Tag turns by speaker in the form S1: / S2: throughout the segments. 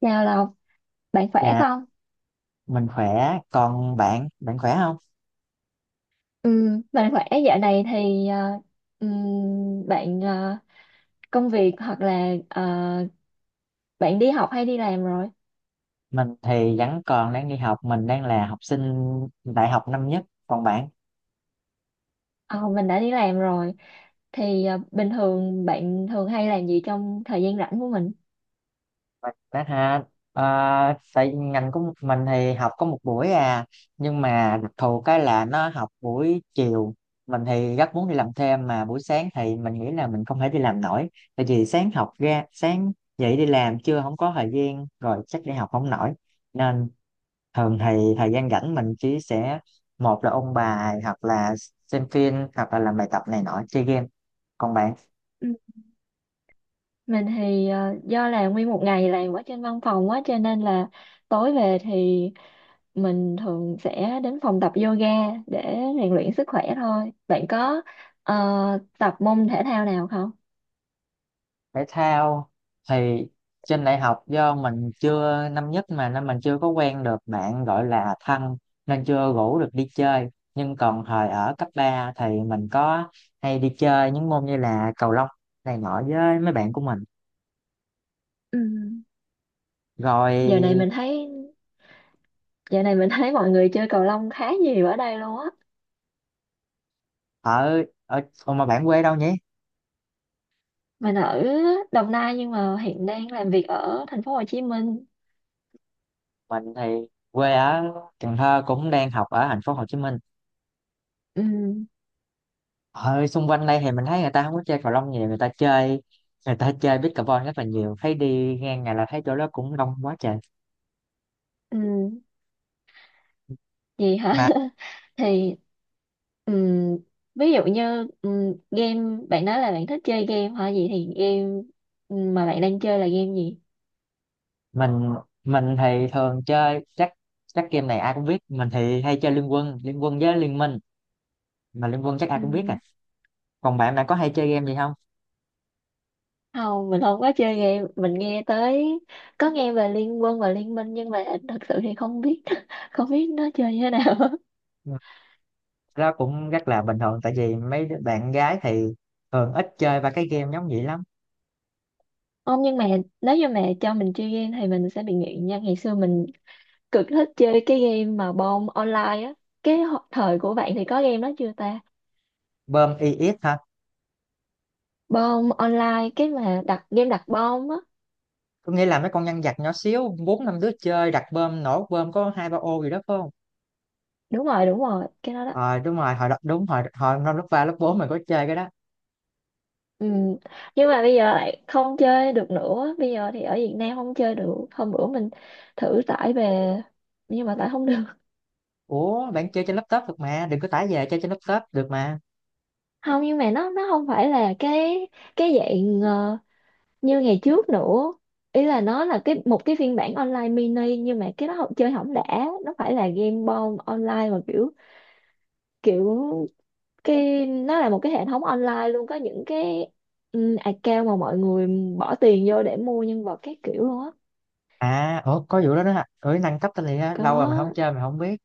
S1: Chào Lộc, bạn khỏe
S2: Dạ,
S1: không?
S2: mình khỏe, còn bạn, bạn khỏe không?
S1: Ừ, bạn khỏe dạo này thì bạn công việc hoặc là bạn đi học hay đi làm rồi?
S2: Mình thì vẫn còn đang đi học, mình đang là học sinh đại học năm nhất, còn bạn?
S1: Ờ, mình đã đi làm rồi. Bình thường bạn thường hay làm gì trong thời gian rảnh của mình?
S2: Mình đã ha, à, tại ngành của mình thì học có một buổi à, nhưng mà đặc thù cái là nó học buổi chiều, mình thì rất muốn đi làm thêm, mà buổi sáng thì mình nghĩ là mình không thể đi làm nổi, tại vì sáng học ra, sáng dậy đi làm chưa không có thời gian, rồi chắc đi học không nổi, nên thường thì thời gian rảnh mình chỉ sẽ một là ôn bài, hoặc là xem phim, hoặc là làm bài tập này nọ, chơi game. Còn bạn?
S1: Ừ. Mình thì do là nguyên một ngày làm ở trên văn phòng quá cho nên là tối về thì mình thường sẽ đến phòng tập yoga để rèn luyện sức khỏe thôi. Bạn có ờ, tập môn thể thao nào không?
S2: Thể thao thì trên đại học do mình chưa, năm nhất mà, nên mình chưa có quen được bạn gọi là thân, nên chưa rủ được đi chơi. Nhưng còn thời ở cấp 3 thì mình có hay đi chơi những môn như là cầu lông này nọ với mấy bạn của mình,
S1: Ừ.
S2: rồi.
S1: Giờ này mình thấy Giờ này mình thấy mọi người chơi cầu lông khá nhiều ở đây luôn á.
S2: Ở ở Ủa mà bạn quê đâu nhỉ?
S1: Mình ở Đồng Nai nhưng mà hiện đang làm việc ở thành phố Hồ Chí Minh.
S2: Mình thì quê ở Cần Thơ, cũng đang học ở thành phố Hồ Chí Minh.
S1: Ừ,
S2: Ở xung quanh đây thì mình thấy người ta không có chơi cầu lông nhiều, người ta chơi pickleball rất là nhiều, thấy đi ngang ngày là thấy chỗ đó cũng đông quá trời.
S1: ừ, gì hả?
S2: Mà
S1: Thì ừ, Ví dụ như game bạn nói là bạn thích chơi game hả? Vậy thì game mà bạn đang chơi là game gì?
S2: mình mình thì thường chơi chắc, game này ai cũng biết, mình thì hay chơi Liên Quân, Liên Quân với Liên Minh, mà Liên Quân chắc ai
S1: Ừ,
S2: cũng biết à. Còn bạn, bạn có hay chơi game gì không?
S1: không, mình không có chơi game. Mình nghe tới có nghe về Liên Quân và Liên Minh nhưng mà thật sự thì không biết không biết nó chơi như thế nào.
S2: Ừ, đó cũng rất là bình thường, tại vì mấy đứa bạn gái thì thường ít chơi ba cái game giống vậy lắm.
S1: Không nhưng mà nếu như mà cho mình chơi game thì mình sẽ bị nghiện nha. Ngày xưa mình cực thích chơi cái game mà bom online á. Cái thời của bạn thì có game đó chưa ta?
S2: Bơm i EX hả?
S1: Bom online cái mà đặt game đặt bom á.
S2: Tôi nghĩ là mấy con nhân vật nhỏ xíu, bốn năm đứa chơi đặt bơm, nổ bơm có hai ba ô gì đó phải không?
S1: Đúng rồi, cái đó đó.
S2: Ờ đúng rồi, hồi đó đúng, hồi hồi năm lớp ba lớp bốn mình có chơi cái đó.
S1: Ừ. Nhưng mà bây giờ lại không chơi được nữa. Bây giờ thì ở Việt Nam không chơi được. Hôm bữa mình thử tải về nhưng mà tải không được.
S2: Ủa bạn chơi trên laptop được mà, đừng có tải về, chơi trên laptop được mà.
S1: Không nhưng mà nó không phải là cái dạng như ngày trước nữa, ý là nó là cái một cái phiên bản online mini nhưng mà cái đó không chơi hỏng đã, nó phải là game bom online mà kiểu kiểu cái nó là một cái hệ thống online luôn, có những cái account mà mọi người bỏ tiền vô để mua nhân vật các kiểu luôn á.
S2: À ủa, có vụ đó đó hả? Ừ, nâng cấp tên liền ha, lâu rồi mình không
S1: Có
S2: chơi mình không biết.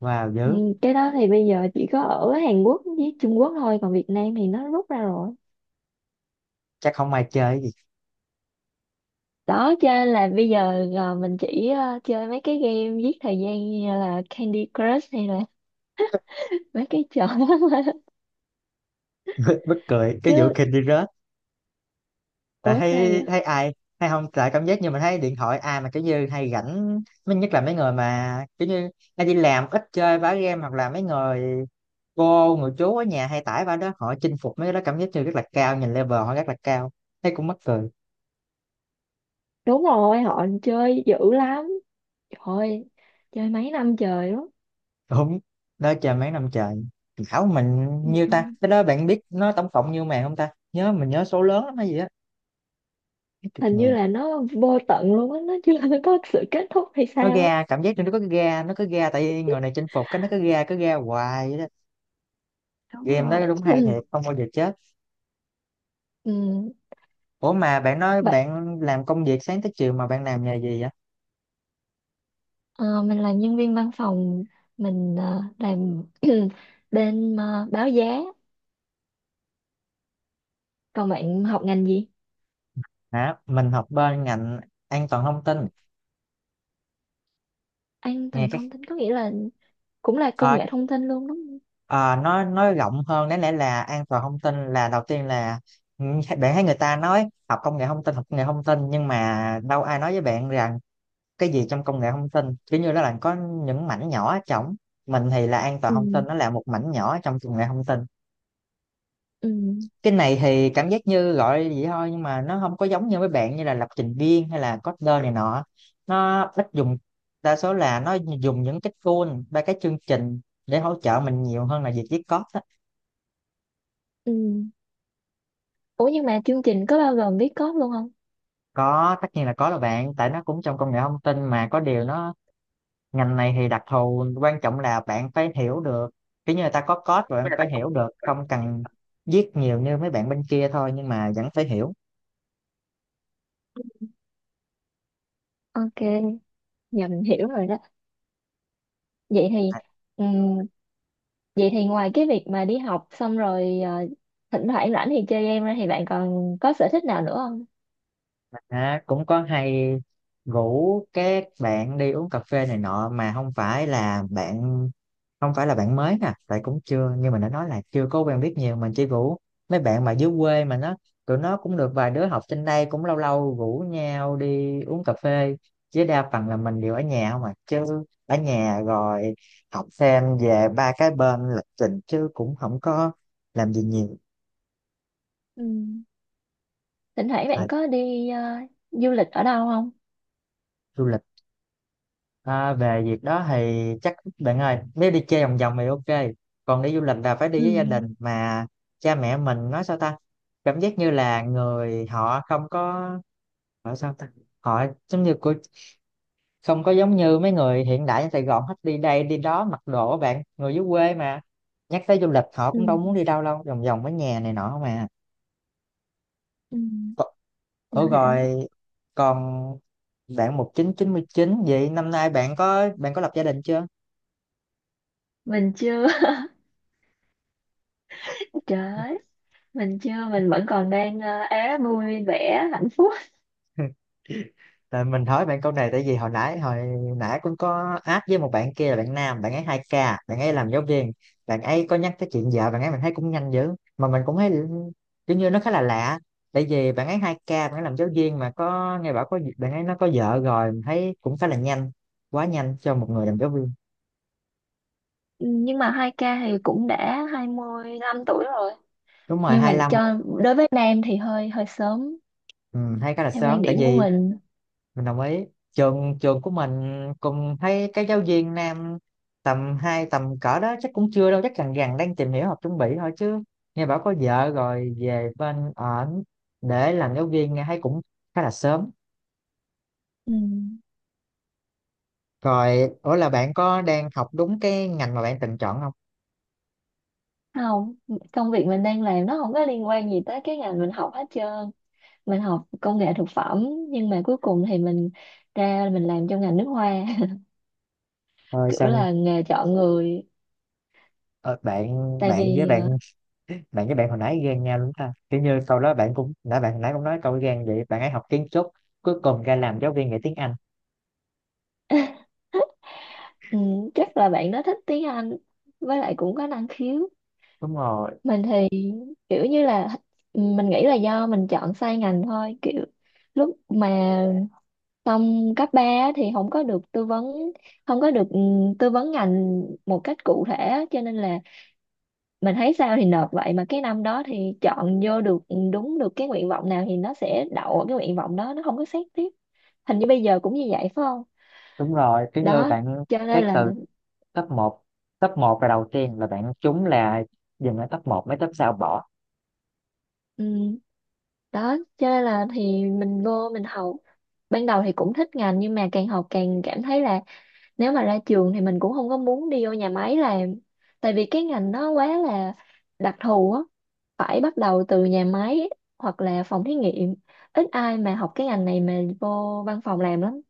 S2: Wow
S1: ừ,
S2: dữ.
S1: cái đó thì bây giờ chỉ có ở Hàn Quốc với Trung Quốc thôi, còn Việt Nam thì nó rút ra rồi
S2: Chắc không ai chơi cái gì.
S1: đó, cho nên là bây giờ mình chỉ chơi mấy cái game giết thời gian như là Candy Crush hay là mấy cái trò đó
S2: Bất cười cái
S1: chứ.
S2: vụ kinh đi rớt, tại
S1: Ủa sao
S2: thấy
S1: vậy?
S2: thấy ai hay không, tại cảm giác như mình thấy điện thoại ai mà kiểu như hay rảnh. Mới nhất là mấy người mà kiểu như hay đi làm ít chơi bá game, hoặc là mấy người cô người chú ở nhà hay tải vào đó, họ chinh phục mấy cái đó cảm giác như rất là cao, nhìn level họ rất là cao, thấy cũng mắc cười.
S1: Đúng rồi, họ chơi dữ lắm, trời, chơi mấy năm trời đó.
S2: Đúng đó, chờ mấy năm trời. Khảo mình
S1: Ừ.
S2: nhiêu ta, cái đó bạn biết nó tổng cộng nhiêu màn không ta, nhớ mình nhớ số lớn lắm hay gì á, mấy chục
S1: Hình như
S2: ngàn.
S1: là nó vô tận luôn á, nó chưa có sự kết thúc hay
S2: Nó
S1: sao á.
S2: ra cảm giác như nó có cái ga, nó có ga, tại vì người này chinh phục cái nó có ga, cứ ga hoài vậy đó.
S1: Đúng
S2: Game
S1: rồi.
S2: đó đúng hay
S1: Ừ.
S2: thiệt, không bao giờ chết.
S1: Ừ.
S2: Ủa mà bạn nói
S1: Vậy
S2: bạn làm công việc sáng tới chiều, mà bạn làm nghề gì vậy?
S1: ờ, mình là nhân viên văn phòng, mình làm bên báo giá. Còn bạn học ngành gì?
S2: Hả, mình học bên ngành an toàn thông tin.
S1: An
S2: Nghe
S1: toàn
S2: cái
S1: thông tin có nghĩa là cũng là công
S2: ờ,
S1: nghệ thông tin luôn đúng không?
S2: à, nói rộng hơn, đáng lẽ là an toàn thông tin là đầu tiên là, ừ, bạn thấy người ta nói học công nghệ thông tin, học công nghệ thông tin, nhưng mà đâu ai nói với bạn rằng cái gì trong công nghệ thông tin, kiểu như nó là có những mảnh nhỏ ở trong. Mình thì là an toàn
S1: Ừ.
S2: thông tin, nó là một mảnh nhỏ trong công nghệ thông tin.
S1: Ừ.
S2: Cái này thì cảm giác như gọi vậy thôi, nhưng mà nó không có giống như với bạn như là lập trình viên hay là coder này nọ, nó ít dùng, đa số là nó dùng những cái tool, ba cái chương trình để hỗ trợ mình, nhiều hơn là việc viết code á.
S1: Ừ. Ủa nhưng mà chương trình có bao gồm viết code luôn không?
S2: Có, tất nhiên là có rồi bạn, tại nó cũng trong công nghệ thông tin mà, có điều nó ngành này thì đặc thù, quan trọng là bạn phải hiểu được, kiểu như người ta có code rồi bạn phải hiểu được, không cần viết nhiều như mấy bạn bên kia thôi, nhưng mà vẫn phải hiểu.
S1: Ok. Dạ mình hiểu rồi đó. Vậy thì ừm, Vậy thì ngoài cái việc mà đi học xong rồi thỉnh thoảng rảnh thì chơi game ra thì bạn còn có sở thích nào nữa không?
S2: À, cũng có hay rủ các bạn đi uống cà phê này nọ, mà không phải là bạn, mới nè, tại cũng chưa như mình đã nói là chưa có quen biết nhiều, mình chỉ rủ mấy bạn mà dưới quê mà nó, tụi nó cũng được vài đứa học trên đây, cũng lâu lâu rủ nhau đi uống cà phê. Chứ đa phần là mình đều ở nhà không à, chứ ở nhà rồi học xem về ba cái bên lịch trình, chứ cũng không có làm gì nhiều.
S1: Ừ. Thỉnh thoảng bạn
S2: Thời
S1: có đi du lịch ở đâu không?
S2: du lịch. À, về việc đó thì chắc bạn ơi, nếu đi chơi vòng vòng thì ok, còn đi du lịch là phải đi
S1: Ừ.
S2: với gia đình mà. Cha mẹ mình nói sao ta, cảm giác như là người họ không có, họ sao ta, họ giống như của, không có giống như mấy người hiện đại ở Sài Gòn hết, đi đây đi đó mặc đồ á bạn, người dưới quê mà, nhắc tới du lịch họ
S1: Ừ.
S2: cũng đâu muốn đi đâu, đâu vòng vòng ở nhà này nọ mà.
S1: Ừ. Mình
S2: Ủa
S1: hiểu.
S2: rồi, còn bạn 1999 vậy năm nay bạn có, bạn có lập gia đình chưa?
S1: Mình chưa. Trời ơi, mình chưa, mình vẫn còn đang é vui vẻ hạnh phúc.
S2: Tại mình hỏi bạn câu này tại vì hồi nãy, cũng có áp với một bạn kia là bạn nam, bạn ấy 2k, bạn ấy làm giáo viên, bạn ấy có nhắc tới chuyện vợ bạn ấy mình thấy cũng nhanh dữ. Mà mình cũng thấy kiểu như nó khá là lạ, tại vì bạn ấy 2k, bạn ấy làm giáo viên mà có nghe bảo có, bạn ấy nó có vợ rồi, mình thấy cũng khá là nhanh, quá nhanh cho một người làm giáo viên.
S1: Ừ, nhưng mà hai k thì cũng đã 25 tuổi rồi.
S2: Đúng rồi,
S1: Nhưng mà
S2: 25.
S1: cho đối với nam thì hơi hơi sớm
S2: Ừ, hay khá là
S1: theo quan
S2: sớm, tại
S1: điểm của
S2: vì
S1: mình.
S2: mình đồng ý. Trường trường của mình cùng thấy cái giáo viên nam, tầm hai, tầm cỡ đó chắc cũng chưa đâu, chắc gần gần đang tìm hiểu hoặc chuẩn bị thôi, chứ nghe bảo có vợ rồi về bên ở, để làm giáo viên nghe thấy cũng khá là sớm.
S1: Ừ.
S2: Rồi, ủa là bạn có đang học đúng cái ngành mà bạn từng chọn không?
S1: Không, công việc mình đang làm nó không có liên quan gì tới cái ngành mình học hết trơn, mình học công nghệ thực phẩm nhưng mà cuối cùng thì mình ra mình làm trong ngành nước hoa.
S2: Ờ,
S1: Kiểu
S2: sao?
S1: là nghề chọn người,
S2: Ờ, bạn,
S1: tại
S2: bạn với
S1: vì
S2: bạn bạn với bạn hồi nãy ghen nhau đúng ta, kiểu như câu đó bạn cũng, bạn hồi nãy cũng nói câu ghen vậy, bạn ấy học kiến trúc cuối cùng ra làm giáo viên dạy tiếng Anh.
S1: ừ, chắc là bạn đó thích tiếng Anh với lại cũng có năng khiếu.
S2: Đúng rồi.
S1: Mình thì kiểu như là mình nghĩ là do mình chọn sai ngành thôi, kiểu lúc mà xong cấp 3 á thì không có được tư vấn, không có được tư vấn ngành một cách cụ thể á, cho nên là mình thấy sao thì nộp vậy, mà cái năm đó thì chọn vô được đúng được cái nguyện vọng nào thì nó sẽ đậu ở cái nguyện vọng đó, nó không có xét tiếp. Hình như bây giờ cũng như vậy phải không?
S2: Đúng rồi, kiểu như
S1: đó
S2: bạn
S1: cho nên
S2: xét
S1: là
S2: từ top một, là đầu tiên là bạn trúng là dừng ở top một, mấy top sau bỏ.
S1: ừm, Đó cho nên là thì mình vô mình học, ban đầu thì cũng thích ngành nhưng mà càng học càng cảm thấy là nếu mà ra trường thì mình cũng không có muốn đi vô nhà máy làm, tại vì cái ngành nó quá là đặc thù á, phải bắt đầu từ nhà máy hoặc là phòng thí nghiệm, ít ai mà học cái ngành này mà vô văn phòng làm lắm.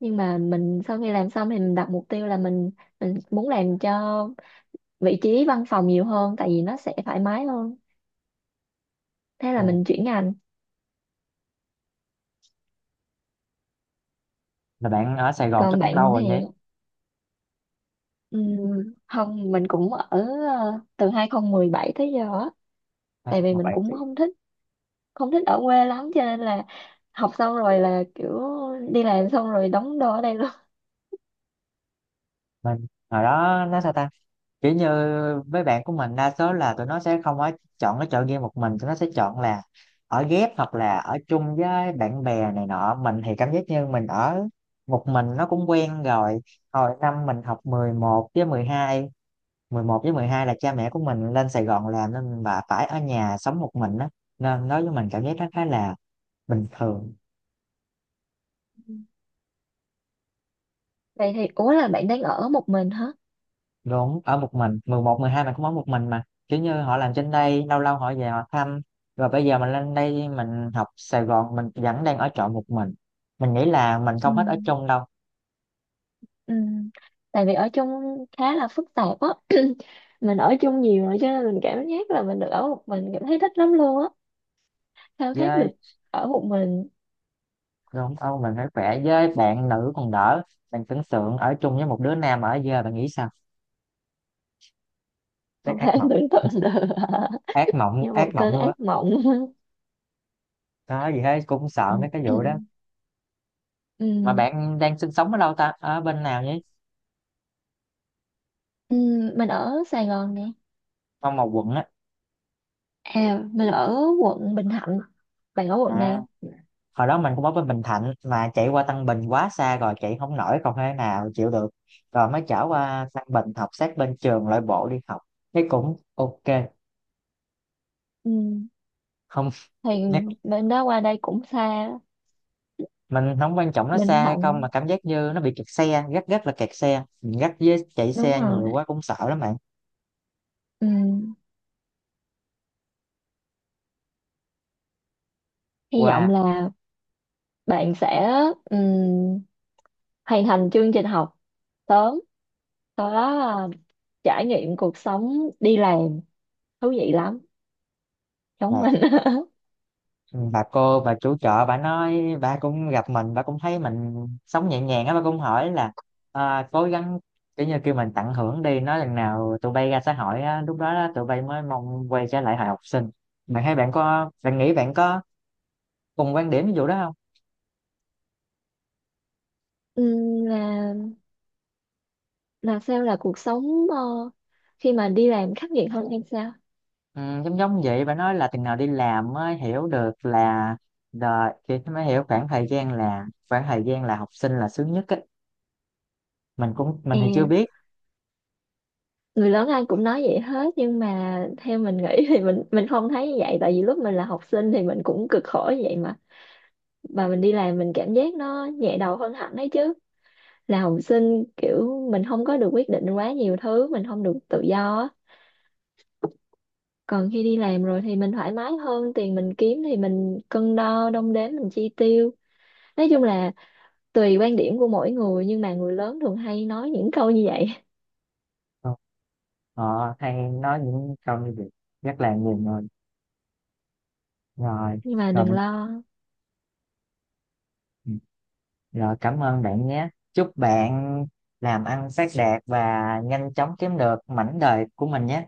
S1: Nhưng mà mình sau khi làm xong thì mình đặt mục tiêu là mình muốn làm cho vị trí văn phòng nhiều hơn tại vì nó sẽ thoải mái hơn, thế là
S2: Ừ,
S1: mình chuyển ngành.
S2: là bạn ở Sài Gòn
S1: Còn
S2: chắc cũng lâu
S1: bạn thì
S2: rồi nhỉ?
S1: không mình cũng ở từ 2017 tới giờ á.
S2: Hai
S1: Tại
S2: top
S1: vì
S2: một
S1: mình
S2: bạn
S1: cũng
S2: thì
S1: không thích, không thích ở quê lắm cho nên là học xong rồi là kiểu đi làm xong rồi đóng đô ở đây luôn.
S2: mình hồi đó nó sao ta, kiểu như mấy bạn của mình đa số là tụi nó sẽ không có chọn cái chợ game một mình, tụi nó sẽ chọn là ở ghép hoặc là ở chung với bạn bè này nọ, mình thì cảm giác như mình ở một mình nó cũng quen rồi. Hồi năm mình học 11 với 12. 11 với 12 là cha mẹ của mình lên Sài Gòn làm, nên bà phải ở nhà sống một mình á, nên đối với mình cảm giác nó khá là bình thường.
S1: Ừ. Vậy thì ủa là bạn đang ở một mình hả?
S2: Đúng, ở một mình, 11 12 mình cũng ở một mình, mà kiểu như họ làm trên đây lâu lâu họ về họ thăm, rồi bây giờ mình lên đây mình học Sài Gòn mình vẫn đang ở trọ một mình. Mình nghĩ là mình
S1: Ừ.
S2: không hết ở chung đâu.
S1: Ừ. Tại vì ở chung khá là phức tạp á, mình ở chung nhiều rồi cho nên mình cảm giác là mình được ở một mình cảm thấy thích lắm luôn á, khao khát được
S2: Với
S1: ở một mình.
S2: đúng không, mình phải khỏe, với bạn nữ còn đỡ, bạn tưởng tượng ở chung với một đứa nam ở giờ bạn nghĩ sao, chắc
S1: Không thể
S2: ác mộng.
S1: tưởng tượng được.
S2: Ác mộng,
S1: Như
S2: ác
S1: một cơn
S2: mộng luôn á.
S1: ác mộng.
S2: Đó gì hết, cũng sợ
S1: Ừ.
S2: mấy cái
S1: Ừ.
S2: vụ đó. Mà
S1: Ừ.
S2: bạn đang sinh sống ở đâu ta, ở bên nào nhỉ?
S1: Ừ. Mình ở Sài Gòn nè.
S2: Trong một quận á?
S1: À mình ở quận Bình Thạnh, bạn ở quận
S2: À,
S1: nào?
S2: hồi đó mình cũng ở bên Bình Thạnh, mà chạy qua Tân Bình quá xa rồi chạy không nổi, còn thế nào chịu được, rồi mới trở qua Tân Bình học sát bên trường loại bộ đi học, thấy cũng ok.
S1: Ừ.
S2: Không.
S1: Thì
S2: Nhắc-
S1: bên đó qua đây cũng xa.
S2: mình không quan trọng nó
S1: Bình
S2: xa hay không,
S1: Thạnh
S2: mà cảm giác như nó bị kẹt xe, rất rất là kẹt xe, mình gắt với chạy
S1: đúng
S2: xe nhiều
S1: rồi.
S2: quá cũng sợ lắm bạn.
S1: Ừ. Hy vọng
S2: Qua.
S1: là bạn sẽ ừ. hoàn thành chương trình học sớm, sau đó là trải nghiệm cuộc sống đi làm, thú vị lắm giống mình.
S2: Ừ, bà cô bà chủ chợ bà nói, bà cũng gặp mình bà cũng thấy mình sống nhẹ nhàng á, bà cũng hỏi là à, cố gắng, kiểu như kêu mình tận hưởng đi, nói lần nào tụi bay ra xã hội á, lúc đó đó, tụi bay mới mong quay trở lại hồi học sinh. Bạn thấy bạn có, bạn nghĩ bạn có cùng quan điểm ví dụ đó không?
S1: Ừm, là là sao, là cuộc sống khi mà đi làm khắc nghiệt hơn hay sao?
S2: Ừ, giống giống vậy, bà nói là từng nào đi làm mới hiểu được là đời, thì mới hiểu khoảng thời gian là, khoảng thời gian là học sinh là sướng nhất á. Mình cũng, mình
S1: à,
S2: thì chưa biết.
S1: Người lớn ai cũng nói vậy hết nhưng mà theo mình nghĩ thì mình không thấy như vậy, tại vì lúc mình là học sinh thì mình cũng cực khổ như vậy mà mình đi làm mình cảm giác nó nhẹ đầu hơn hẳn đấy chứ. Là học sinh kiểu mình không có được quyết định quá nhiều thứ, mình không được tự do á, còn khi đi làm rồi thì mình thoải mái hơn, tiền mình kiếm thì mình cân đo đong đếm mình chi tiêu. Nói chung là tùy quan điểm của mỗi người nhưng mà người lớn thường hay nói những câu như vậy.
S2: ờ, hay nói những câu như vậy rất là nhiều người. Rồi,
S1: Nhưng mà
S2: rồi
S1: đừng
S2: mình,
S1: lo.
S2: ừ, rồi cảm ơn bạn nhé, chúc bạn làm ăn phát đạt và nhanh chóng kiếm được mảnh đời của mình nhé.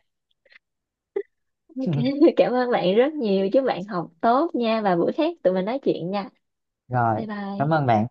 S1: Ok. Cảm ơn bạn rất nhiều, chúc bạn học tốt nha và bữa khác tụi mình nói chuyện nha.
S2: Rồi,
S1: Bye
S2: cảm
S1: bye.
S2: ơn bạn.